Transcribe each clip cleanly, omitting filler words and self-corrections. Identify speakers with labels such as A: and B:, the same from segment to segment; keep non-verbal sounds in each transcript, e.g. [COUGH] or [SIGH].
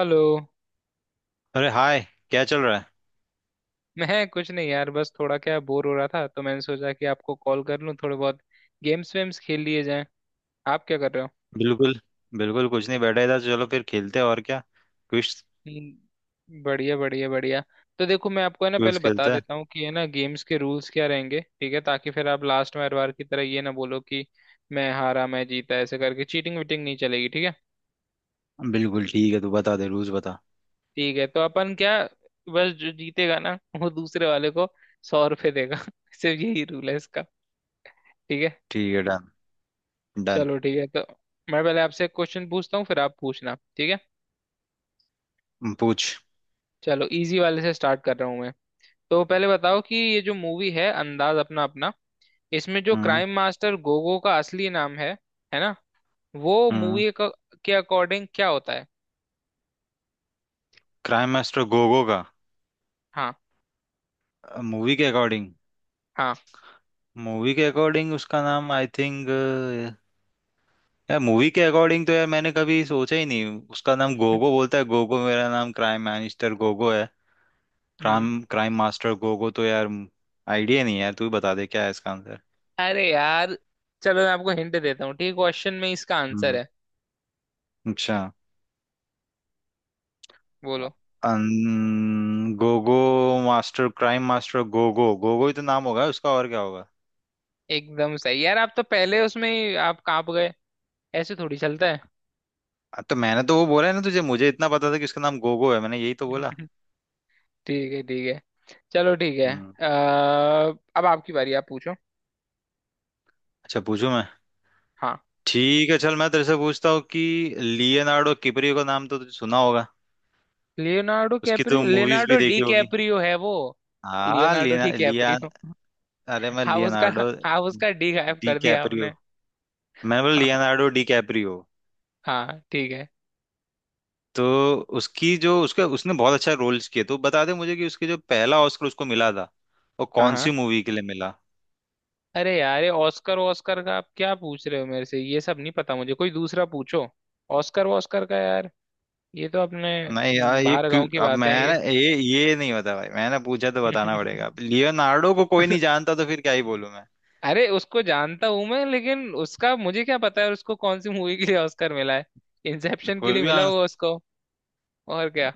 A: Hello.
B: अरे hi. क्या चल रहा है?
A: मैं कुछ नहीं यार, बस थोड़ा क्या बोर हो रहा था तो मैंने सोचा कि आपको कॉल कर लूं, थोड़े बहुत गेम्स वेम्स खेल लिए जाएं। आप क्या कर रहे हो?
B: बिल्कुल। कुछ नहीं, बैठा इधर। चलो फिर खेलते हैं, और क्या। क्विज।
A: बढ़िया बढ़िया बढ़िया। तो देखो, मैं आपको है ना पहले
B: क्विज
A: बता
B: खेलते
A: देता हूँ कि है ना गेम्स के रूल्स क्या रहेंगे, ठीक है, ताकि फिर आप लास्ट में हर बार की तरह ये ना बोलो कि मैं हारा मैं जीता, ऐसे करके चीटिंग वीटिंग नहीं चलेगी, ठीक है?
B: हैं। बिल्कुल ठीक है, तू बता दे रूल्स, बता।
A: ठीक है, तो अपन क्या, बस जो जीतेगा ना वो दूसरे वाले को 100 रुपये देगा [LAUGHS] सिर्फ यही रूल है इसका। ठीक है।
B: ठीक है, डन। डन।
A: चलो ठीक है, तो मैं पहले आपसे क्वेश्चन पूछता हूँ फिर आप पूछना, ठीक है?
B: पूछ।
A: चलो इजी वाले से स्टार्ट कर रहा हूँ मैं। तो पहले बताओ कि ये जो मूवी है अंदाज अपना अपना, इसमें जो
B: हम्म।
A: क्राइम मास्टर गोगो का असली नाम है ना, वो
B: हम्म।
A: मूवी के अकॉर्डिंग क्या होता है?
B: क्राइम मास्टर गोगो का
A: हाँ।
B: मूवी के अकॉर्डिंग?
A: हाँ।
B: उसका नाम आई थिंक, यार मूवी के अकॉर्डिंग तो यार मैंने कभी सोचा ही नहीं। उसका नाम गोगो बोलता है, गोगो मेरा नाम क्राइम मिनिस्टर गोगो है।
A: हम्म,
B: क्राइम क्राइम मास्टर गोगो, तो यार आइडिया नहीं है यार, तू ही बता दे क्या है इसका आंसर।
A: अरे यार, चलो मैं आपको हिंट देता हूँ, ठीक, क्वेश्चन में इसका आंसर
B: हम्म।
A: है।
B: अच्छा।
A: बोलो।
B: Gogo master, crime master Gogo, Gogo ही तो नाम होगा उसका, और क्या होगा।
A: एकदम सही यार, आप तो पहले उसमें ही आप कांप गए, ऐसे थोड़ी चलता
B: हाँ, तो मैंने तो वो बोला है ना तुझे, मुझे इतना पता था कि उसका नाम गोगो है, मैंने यही तो बोला।
A: है। [LAUGHS] ठीक है ठीक है, चलो ठीक है।
B: हम्म।
A: अ, अब आपकी बारी, आप पूछो।
B: अच्छा, पूछूं मैं?
A: हाँ,
B: ठीक है, चल मैं तेरे से पूछता हूँ कि लियोनार्डो किपरियो का नाम तो तुझे सुना होगा,
A: लियोनार्डो
B: उसकी तो
A: कैप्रियो,
B: मूवीज भी
A: लियोनार्डो डी
B: देखी होगी।
A: कैप्रियो है वो।
B: हाँ
A: लियोनार्डो
B: लिया
A: डी
B: लिया
A: कैप्रियो।
B: अरे मैं
A: आप उसका,
B: लियोनार्डो
A: आप उसका डी गायब
B: डी
A: कर दिया
B: कैपरियो,
A: आपने।
B: मैंने बोला
A: हाँ
B: लियोनार्डो डी कैपरियो।
A: हाँ ठीक है।
B: तो उसकी जो उसका, उसने बहुत अच्छा रोल्स किए, तो बता दे मुझे कि उसके जो पहला ऑस्कर उसको मिला था, वो
A: हाँ
B: कौन सी
A: हाँ,
B: मूवी के लिए मिला?
A: अरे यार, ये ऑस्कर ऑस्कर का आप क्या पूछ रहे हो मेरे से, ये सब नहीं पता मुझे, कोई दूसरा पूछो। ऑस्कर ऑस्कर का यार, ये तो अपने
B: नहीं यार, ये
A: बाहर
B: क्यों,
A: गांव की
B: अब
A: बात
B: मैं
A: है।
B: ना ये नहीं बता भाई, मैंने पूछा तो
A: ये
B: बताना पड़ेगा। अब लियोनार्डो को कोई नहीं
A: [LAUGHS]
B: जानता, तो फिर क्या ही बोलूं मैं।
A: अरे उसको जानता हूं मैं, लेकिन उसका मुझे क्या पता है उसको कौन सी मूवी के लिए ऑस्कर मिला है।
B: तो
A: इंसेप्शन के
B: कोई
A: लिए
B: भी
A: मिला
B: आंसर,
A: होगा उसको, और क्या,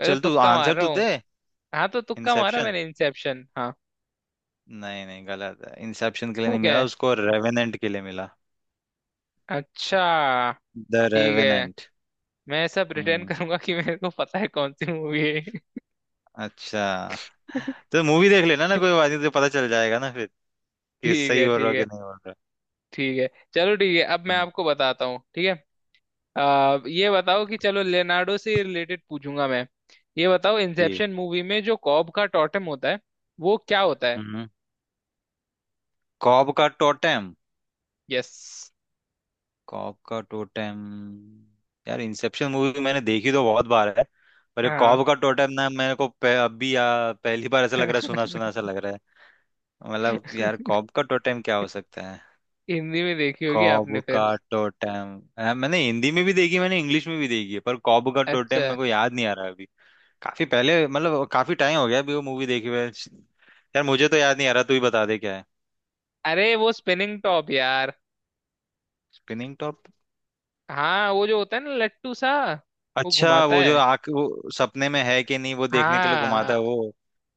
A: मैं तो
B: चल तू
A: तुक्का
B: आंसर
A: मार रहा
B: तो
A: हूँ।
B: दे।
A: हाँ, तो तुक्का मारा
B: इंसेप्शन?
A: मैंने इंसेप्शन, हाँ।
B: नहीं नहीं, गलत है, इंसेप्शन के लिए
A: तो
B: नहीं
A: क्या
B: मिला
A: है?
B: उसको, रेवेनेंट के लिए मिला।
A: अच्छा,
B: द
A: ठीक है।
B: रेवेनेंट।
A: मैं ऐसा प्रिटेंड
B: हम्म।
A: करूंगा कि मेरे को पता है कौन सी मूवी है।
B: अच्छा।
A: [LAUGHS]
B: तो मूवी देख लेना ना, कोई बात नहीं, तो पता चल जाएगा ना फिर, कि
A: ठीक
B: सही
A: है
B: बोल रहा
A: ठीक
B: हो कि
A: है
B: नहीं बोल
A: ठीक है। चलो ठीक है, अब मैं
B: रहा।
A: आपको बताता हूँ, ठीक है। ये बताओ कि चलो लेनार्डो से रिलेटेड पूछूंगा मैं। ये बताओ,
B: कि
A: इंसेप्शन मूवी में जो कॉब का टॉटेम होता है, वो क्या होता है?
B: हम्म। कॉब का टोटेम?
A: यस।
B: कॉब का टोटेम, यार इंसेप्शन मूवी मैंने देखी तो बहुत बार है, पर ये
A: हाँ।
B: कॉब का टोटेम ना मेरे को पहली बार ऐसा लग रहा है, सुना सुना
A: [LAUGHS]
B: सा लग रहा है। मतलब यार, कॉब का टोटेम क्या हो सकता है?
A: हिंदी में देखी होगी आपने
B: कॉब
A: फिर।
B: का टोटेम। हाँ, मैंने हिंदी में भी देखी, मैंने इंग्लिश में भी देखी है, पर कॉब का टोटेम
A: अच्छा।
B: मेरे को याद नहीं आ रहा अभी। काफी पहले, मतलब काफी टाइम हो गया अभी वो मूवी देखी हुए। यार मुझे तो याद नहीं आ रहा, तू ही बता दे क्या है।
A: अरे वो स्पिनिंग टॉप यार।
B: Spinning top?
A: हाँ, वो जो होता है ना लट्टू सा। वो
B: अच्छा
A: घुमाता
B: वो
A: है।
B: जो आंख, वो सपने में है कि नहीं वो देखने के लिए घुमाता
A: हाँ,
B: है वो।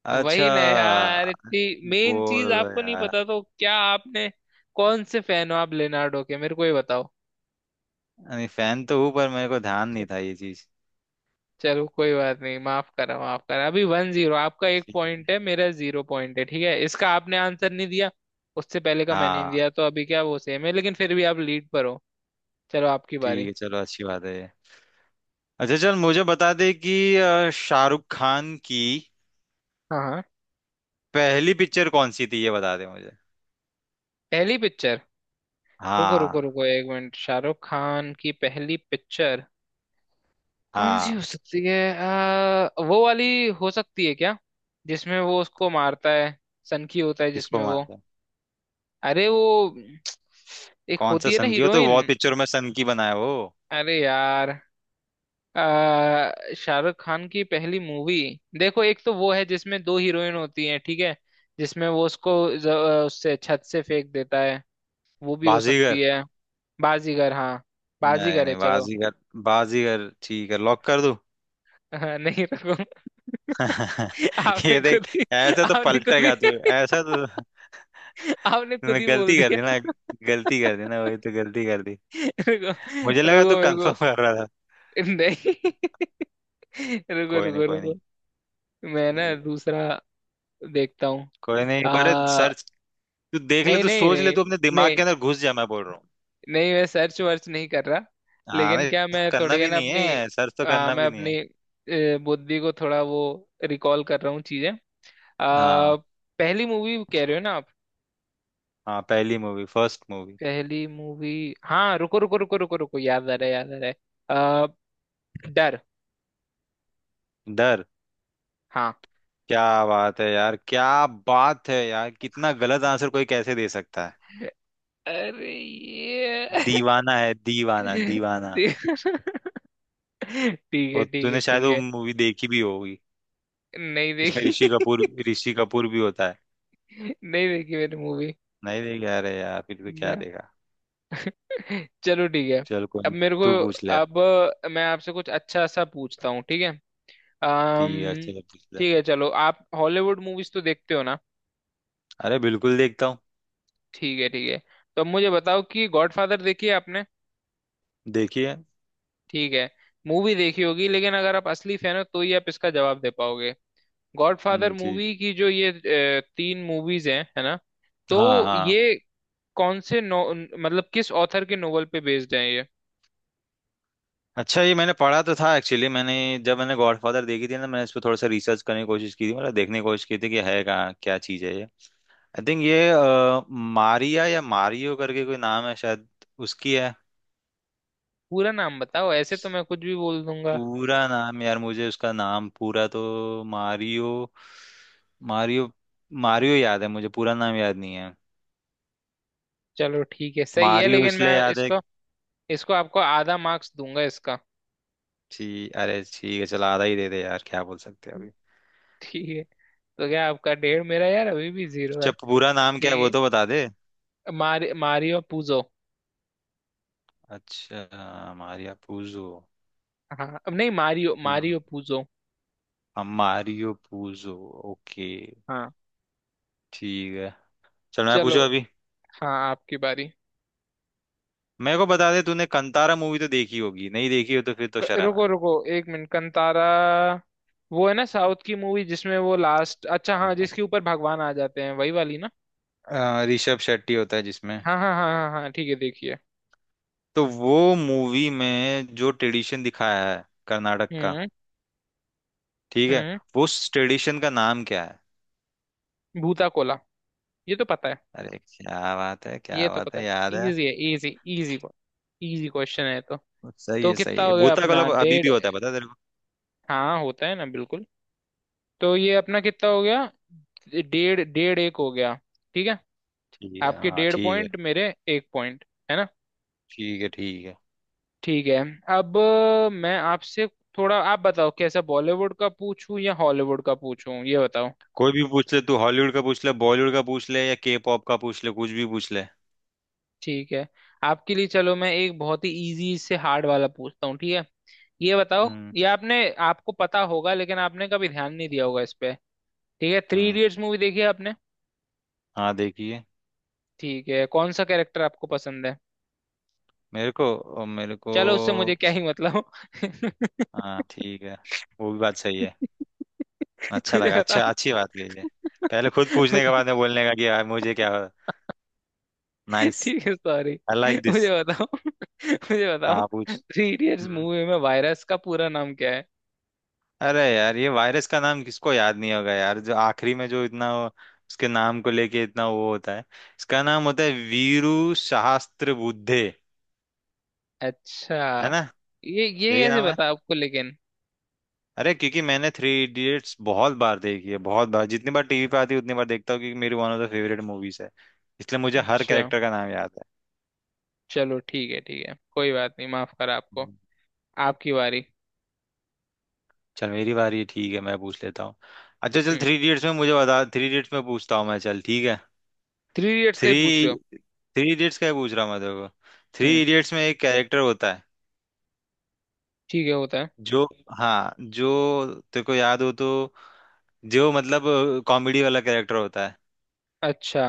B: अच्छा।
A: वही ना यार, इतनी मेन चीज
B: बोलो
A: आपको नहीं
B: यार,
A: पता तो क्या आपने, कौन से फैन हो आप लेनार्डो के, मेरे को ही बताओ।
B: नहीं फैन तो हूँ, पर मेरे को ध्यान नहीं था ये चीज।
A: चलो कोई बात नहीं, माफ करा माफ करा, अभी वन जीरो, आपका एक
B: ठीक है।
A: पॉइंट है मेरा जीरो पॉइंट है, ठीक है, इसका आपने आंसर नहीं दिया, उससे पहले का मैंने नहीं
B: हाँ।
A: दिया, तो अभी क्या वो सेम है, लेकिन फिर भी आप लीड पर हो। चलो आपकी
B: ठीक
A: बारी।
B: है, चलो, अच्छी बात है ये। अच्छा चल मुझे बता दे कि शाहरुख खान की
A: हाँ। हाँ।
B: पहली पिक्चर कौन सी थी, ये बता दे मुझे।
A: पहली पिक्चर? रुको रुको
B: हाँ,
A: रुको एक मिनट, शाहरुख खान की पहली पिक्चर कौन सी हो
B: हाँ।
A: सकती है? वो वाली हो सकती है क्या जिसमें वो उसको मारता है, सनकी होता है
B: किसको
A: जिसमें वो,
B: मानते हैं?
A: अरे वो, एक
B: कौन सा
A: होती है ना
B: सन की हो, तो
A: हीरोइन।
B: बहुत पिक्चरों में सन की बनाया वो।
A: अरे यार, आ, शाहरुख खान की पहली मूवी। देखो, एक तो वो है जिसमें दो हीरोइन होती हैं, ठीक है, जिसमें वो उसको ज- उससे छत से फेंक देता है, वो भी हो
B: बाजीगर।
A: सकती है। बाजीगर? हाँ,
B: नहीं
A: बाजीगर है,
B: नहीं,
A: चलो।
B: बाजीगर। बाजीगर, ठीक है, लॉक कर दूं?
A: [LAUGHS] नहीं रखो,
B: [LAUGHS]
A: [LAUGHS] आपने
B: ये
A: खुद
B: देख,
A: ही,
B: ऐसा तो
A: आपने खुद ही
B: पलटेगा तू। ऐसा तो
A: [LAUGHS] आपने खुद
B: तूने
A: ही बोल
B: गलती कर
A: दिया।
B: दी ना,
A: [LAUGHS]
B: गलती कर दी ना, वही तो गलती कर दी।
A: रुको
B: मुझे लगा
A: रुको
B: तू
A: रुको
B: कंफर्म कर रहा था।
A: नहीं [LAUGHS] रुको
B: कोई नहीं,
A: रुको
B: कोई
A: रुको
B: नहीं।
A: मैं ना दूसरा देखता हूँ।
B: कोई नहीं, एक बार
A: आ
B: सर्च, तू देख ले,
A: नहीं
B: तू
A: नहीं
B: सोच ले,
A: नहीं,
B: तू अपने दिमाग
A: नहीं
B: के अंदर घुस जा, मैं बोल रहा हूँ।
A: नहीं, मैं सर्च वर्च नहीं कर रहा,
B: हाँ
A: लेकिन
B: नहीं,
A: क्या मैं
B: करना
A: थोड़ी है
B: भी
A: ना
B: नहीं
A: अपनी,
B: है, सर्च तो करना
A: मैं
B: भी नहीं
A: अपनी
B: है।
A: बुद्धि को थोड़ा वो रिकॉल कर रहा हूँ चीजें। आ,
B: हाँ,
A: पहली मूवी कह रहे हो ना आप?
B: हाँ पहली मूवी, फर्स्ट मूवी।
A: पहली मूवी, हाँ, रुको रुको रुको रुको रुको, याद आ रहा है, याद आ रहा है। आ, डर।
B: डर?
A: हाँ,
B: क्या बात है यार, क्या बात है यार, कितना गलत आंसर कोई कैसे दे सकता है।
A: अरे ये
B: दीवाना है, दीवाना,
A: [LAUGHS]
B: दीवाना।
A: ठीक है ठीक है
B: और तूने शायद
A: ठीक
B: वो
A: है।
B: मूवी देखी भी होगी,
A: नहीं
B: इसमें
A: देखी।
B: ऋषि कपूर, ऋषि कपूर भी होता है।
A: [LAUGHS] नहीं देखी मैंने मूवी।
B: नहीं देखी? अरे यार, फिर भी
A: ना।
B: क्या देखा।
A: [LAUGHS] चलो ठीक है।
B: चल कोई
A: अब
B: नहीं,
A: मेरे को,
B: तू पूछ ले।
A: अब मैं आपसे कुछ अच्छा सा पूछता हूँ, ठीक है।
B: ठीक है
A: अम्म
B: चलो, पूछ ले।
A: ठीक है चलो, आप हॉलीवुड मूवीज तो देखते हो ना।
B: अरे बिल्कुल देखता हूँ।
A: ठीक है ठीक है, तो अब मुझे बताओ कि गॉडफादर देखी है आपने?
B: देखिए।
A: ठीक है, मूवी देखी होगी लेकिन अगर आप असली फैन हो तो ही आप इसका जवाब दे पाओगे। गॉडफादर
B: हम्म, ठीक।
A: मूवी की जो ये तीन मूवीज हैं, है ना, तो
B: हाँ, हाँ।
A: ये कौन से नो, मतलब किस ऑथर के नोवेल पे बेस्ड है ये?
B: अच्छा, ये मैंने पढ़ा तो था एक्चुअली, मैंने जब मैंने गॉडफादर देखी थी ना, मैंने इस पर थोड़ा सा रिसर्च करने की कोशिश की थी, मतलब देखने की कोशिश की थी कि है कहाँ क्या चीज़ है ये। आई थिंक ये मारिया या मारियो करके कोई नाम है शायद, उसकी है।
A: पूरा नाम बताओ, ऐसे तो मैं कुछ भी बोल दूंगा।
B: पूरा नाम यार, मुझे उसका नाम पूरा तो मारियो, मारियो, मारियो याद है, मुझे पूरा नाम याद नहीं है।
A: चलो ठीक है, सही है,
B: मारियो
A: लेकिन
B: इसलिए
A: मैं
B: याद है।
A: इसको, इसको आपको आधा मार्क्स दूंगा इसका।
B: ठीक, अरे ठीक है, चल आधा ही दे दे यार, क्या बोल सकते हैं अभी।
A: ठीक है, तो क्या आपका डेढ़, मेरा यार अभी भी जीरो है।
B: जब पूरा नाम क्या है वो,
A: ठीक
B: तो बता दे।
A: है। Mario Puzo.
B: अच्छा, मारिया पूजो।
A: हाँ, अब नहीं मारियो,
B: हम्म।
A: Mario Puzo.
B: हाँ, मारियो पूजो। ओके।
A: हाँ।
B: ठीक है, चल मैं पूछू
A: चलो।
B: अभी।
A: हाँ, आपकी बारी।
B: मेरे को बता दे, तूने कंतारा मूवी तो देखी होगी, नहीं देखी हो तो फिर तो शर्म है।
A: रुको रुको, एक मिनट, कंतारा। वो है ना साउथ की मूवी, जिसमें वो लास्ट, अच्छा हाँ,
B: हाँ।
A: जिसके ऊपर भगवान आ जाते हैं, वही वाली ना।
B: ऋषभ शेट्टी होता है जिसमें।
A: हाँ हाँ हाँ हाँ हाँ, ठीक है, देखिए।
B: तो वो मूवी में जो ट्रेडिशन दिखाया है कर्नाटक का,
A: हम्म।
B: ठीक है,
A: हम्म।
B: वो उस ट्रेडिशन का नाम क्या है?
A: भूता कोला। ये तो पता है।
B: अरे क्या बात है,
A: ये
B: क्या
A: तो
B: बात
A: पता
B: है,
A: है,
B: याद है।
A: इजी है, इजी, इजी, इजी क्वेश्चन है तो।
B: सही
A: तो
B: है, सही
A: कितना
B: है,
A: हो गया
B: भूता
A: अपना,
B: गलप अभी
A: डेढ़।
B: भी होता है, पता है तेरे को?
A: हाँ, होता है ना बिल्कुल। तो ये अपना कितना हो गया, डेढ़, डेढ़ एक हो गया। ठीक है।
B: ठीक है,
A: आपके
B: हाँ
A: डेढ़
B: ठीक है।
A: पॉइंट, मेरे एक पॉइंट, है ना।
B: ठीक है। ठीक है,
A: ठीक है। अब मैं आपसे थोड़ा, आप बताओ कैसा, बॉलीवुड का पूछूं या हॉलीवुड का पूछूं, ये बताओ।
B: कोई भी पूछ ले, तू हॉलीवुड का पूछ ले, बॉलीवुड का पूछ ले, या के पॉप का पूछ ले, कुछ भी पूछ ले।
A: ठीक है, आपके लिए चलो मैं एक बहुत ही इजी से हार्ड वाला पूछता हूँ, ठीक है। ये बताओ
B: हम्म।
A: ये आपने, आपको पता होगा लेकिन आपने कभी ध्यान नहीं दिया होगा इस पे। ठीक है, थ्री
B: हम्म।
A: इडियट्स मूवी देखी है आपने?
B: हाँ, देखिए।
A: ठीक है, कौन सा कैरेक्टर आपको पसंद है?
B: मेरे को
A: चलो, उससे मुझे क्या ही मतलब। [LAUGHS]
B: हाँ ठीक है, वो भी बात सही है। अच्छा
A: मुझे
B: लगा, अच्छा,
A: बताओ,
B: अच्छी बात कही है।
A: [LAUGHS]
B: पहले खुद पूछने के
A: मुझे-
B: बाद में बोलने का कि यार मुझे क्या। नाइस।
A: ठीक है, सॉरी।
B: I like this.
A: मुझे बताओ, [LAUGHS] मुझे बताओ,
B: हाँ पूछ।
A: Three idiots
B: hmm.
A: मूवी में वायरस का पूरा नाम क्या है?
B: अरे यार, ये वायरस का नाम किसको याद नहीं होगा यार, जो आखिरी में जो इतना उसके नाम को लेके इतना वो होता है। इसका नाम होता है वीरू सहस्त्र बुद्धे,
A: अच्छा,
B: है ना,
A: ये
B: यही
A: कैसे
B: नाम है।
A: पता आपको लेकिन?
B: अरे क्योंकि मैंने थ्री इडियट्स बहुत बार देखी है, बहुत बार, जितनी बार टीवी पे आती है उतनी बार देखता हूँ, क्योंकि मेरी one of the favourite movies है, इसलिए मुझे हर
A: अच्छा,
B: कैरेक्टर का नाम याद
A: चलो ठीक है ठीक है, कोई बात नहीं, माफ करा आपको।
B: है।
A: आपकी बारी।
B: चल मेरी बारी है, ठीक है मैं पूछ लेता हूँ। अच्छा चल,
A: हम्म,
B: थ्री इडियट्स में मुझे बता, थ्री इडियट्स में पूछता हूँ मैं, चल ठीक है।
A: थ्री इडियट्स का ही पूछ
B: थ्री
A: रहे हो?
B: थ्री इडियट्स का ही पूछ रहा हूँ मैं तेरे को। थ्री
A: हम्म,
B: इडियट्स में एक कैरेक्टर होता है,
A: ठीक है, होता है।
B: जो, हाँ जो तेरे को याद हो तो, जो मतलब कॉमेडी वाला कैरेक्टर होता है,
A: अच्छा,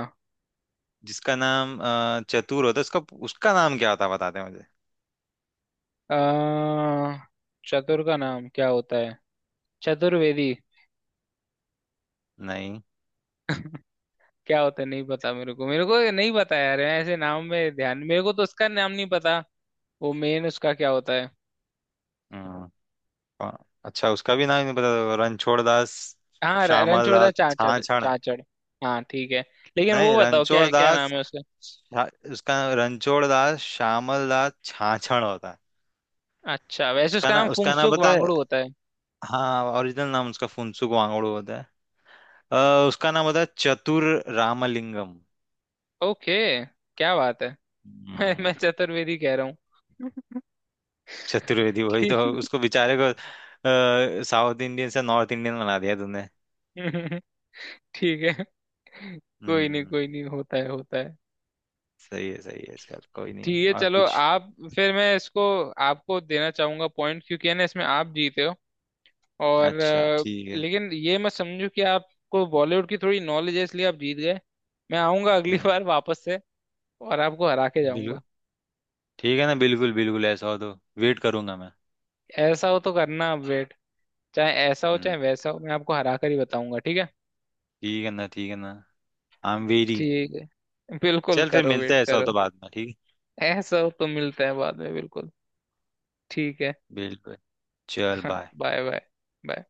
B: जिसका नाम चतुर होता है उसका, उसका नाम क्या होता है बताते हैं मुझे?
A: अ, चतुर का नाम क्या होता है? चतुर्वेदी।
B: नहीं।
A: [LAUGHS] क्या होता है, नहीं पता मेरे को, मेरे को ये नहीं पता यार, मैं ऐसे नाम में ध्यान, मेरे को तो उसका नाम नहीं पता। वो मेन उसका क्या होता है?
B: हम्म, अ, अच्छा, उसका भी नाम नहीं पता? रणछोड़ दास
A: हाँ,
B: श्यामल दास
A: रणछोड़दास चाचड़
B: छाछ।
A: चाचड़। हाँ ठीक है, लेकिन वो
B: नहीं,
A: बताओ
B: रणछोड़
A: क्या क्या नाम
B: दास,
A: है उसका।
B: उसका रणछोड़ दास श्यामल दास छाछड़ होता है।
A: अच्छा, वैसे
B: उसका
A: उसका
B: ना,
A: नाम
B: उसका नाम
A: फुंगसुक
B: पता है,
A: वांगडू होता है।
B: हाँ, ओरिजिनल नाम उसका फुनसुक वांगड़ू होता है। उसका नाम होता है चतुर रामलिंगम।
A: ओके, क्या बात है। [LAUGHS] मैं
B: हम्म।
A: चतुर्वेदी कह रहा हूँ। [LAUGHS]
B: चतुर्वेदी, वही तो
A: ठीक
B: उसको बेचारे को साउथ इंडियन से नॉर्थ इंडियन बना दिया तूने।
A: [LAUGHS] ठीक है। कोई नहीं
B: हम्म।
A: कोई नहीं, होता है होता है।
B: सही है, सही है, चल कोई नहीं,
A: ठीक है,
B: और
A: चलो
B: पूछ।
A: आप, फिर मैं इसको आपको देना चाहूंगा पॉइंट, क्योंकि है ना इसमें आप जीते हो। और
B: अच्छा ठीक है।
A: लेकिन ये मत समझो कि आपको बॉलीवुड की थोड़ी नॉलेज है इसलिए आप जीत गए, मैं आऊंगा [LAUGHS] अगली
B: हम्म।
A: बार वापस से और आपको हरा के
B: बिल्कुल,
A: जाऊंगा।
B: ठीक है ना, बिल्कुल बिल्कुल, ऐसा हो तो वेट करूंगा मैं।
A: ऐसा हो तो करना अपडेट। चाहे ऐसा हो
B: हम्म।
A: चाहे वैसा हो, मैं आपको हरा कर ही बताऊंगा, ठीक है।
B: ठीक है ना, ठीक है ना। I am very.
A: ठीक है, बिल्कुल
B: चल फिर
A: करो,
B: मिलते
A: वेट
B: हैं ऐसा हो
A: करो।
B: तो बाद में, ठीक है।
A: ऐसा हो तो मिलते हैं बाद में, बिल्कुल। ठीक है।
B: बिल्कुल। चल
A: हाँ,
B: बाय।
A: Bye bye. बाय।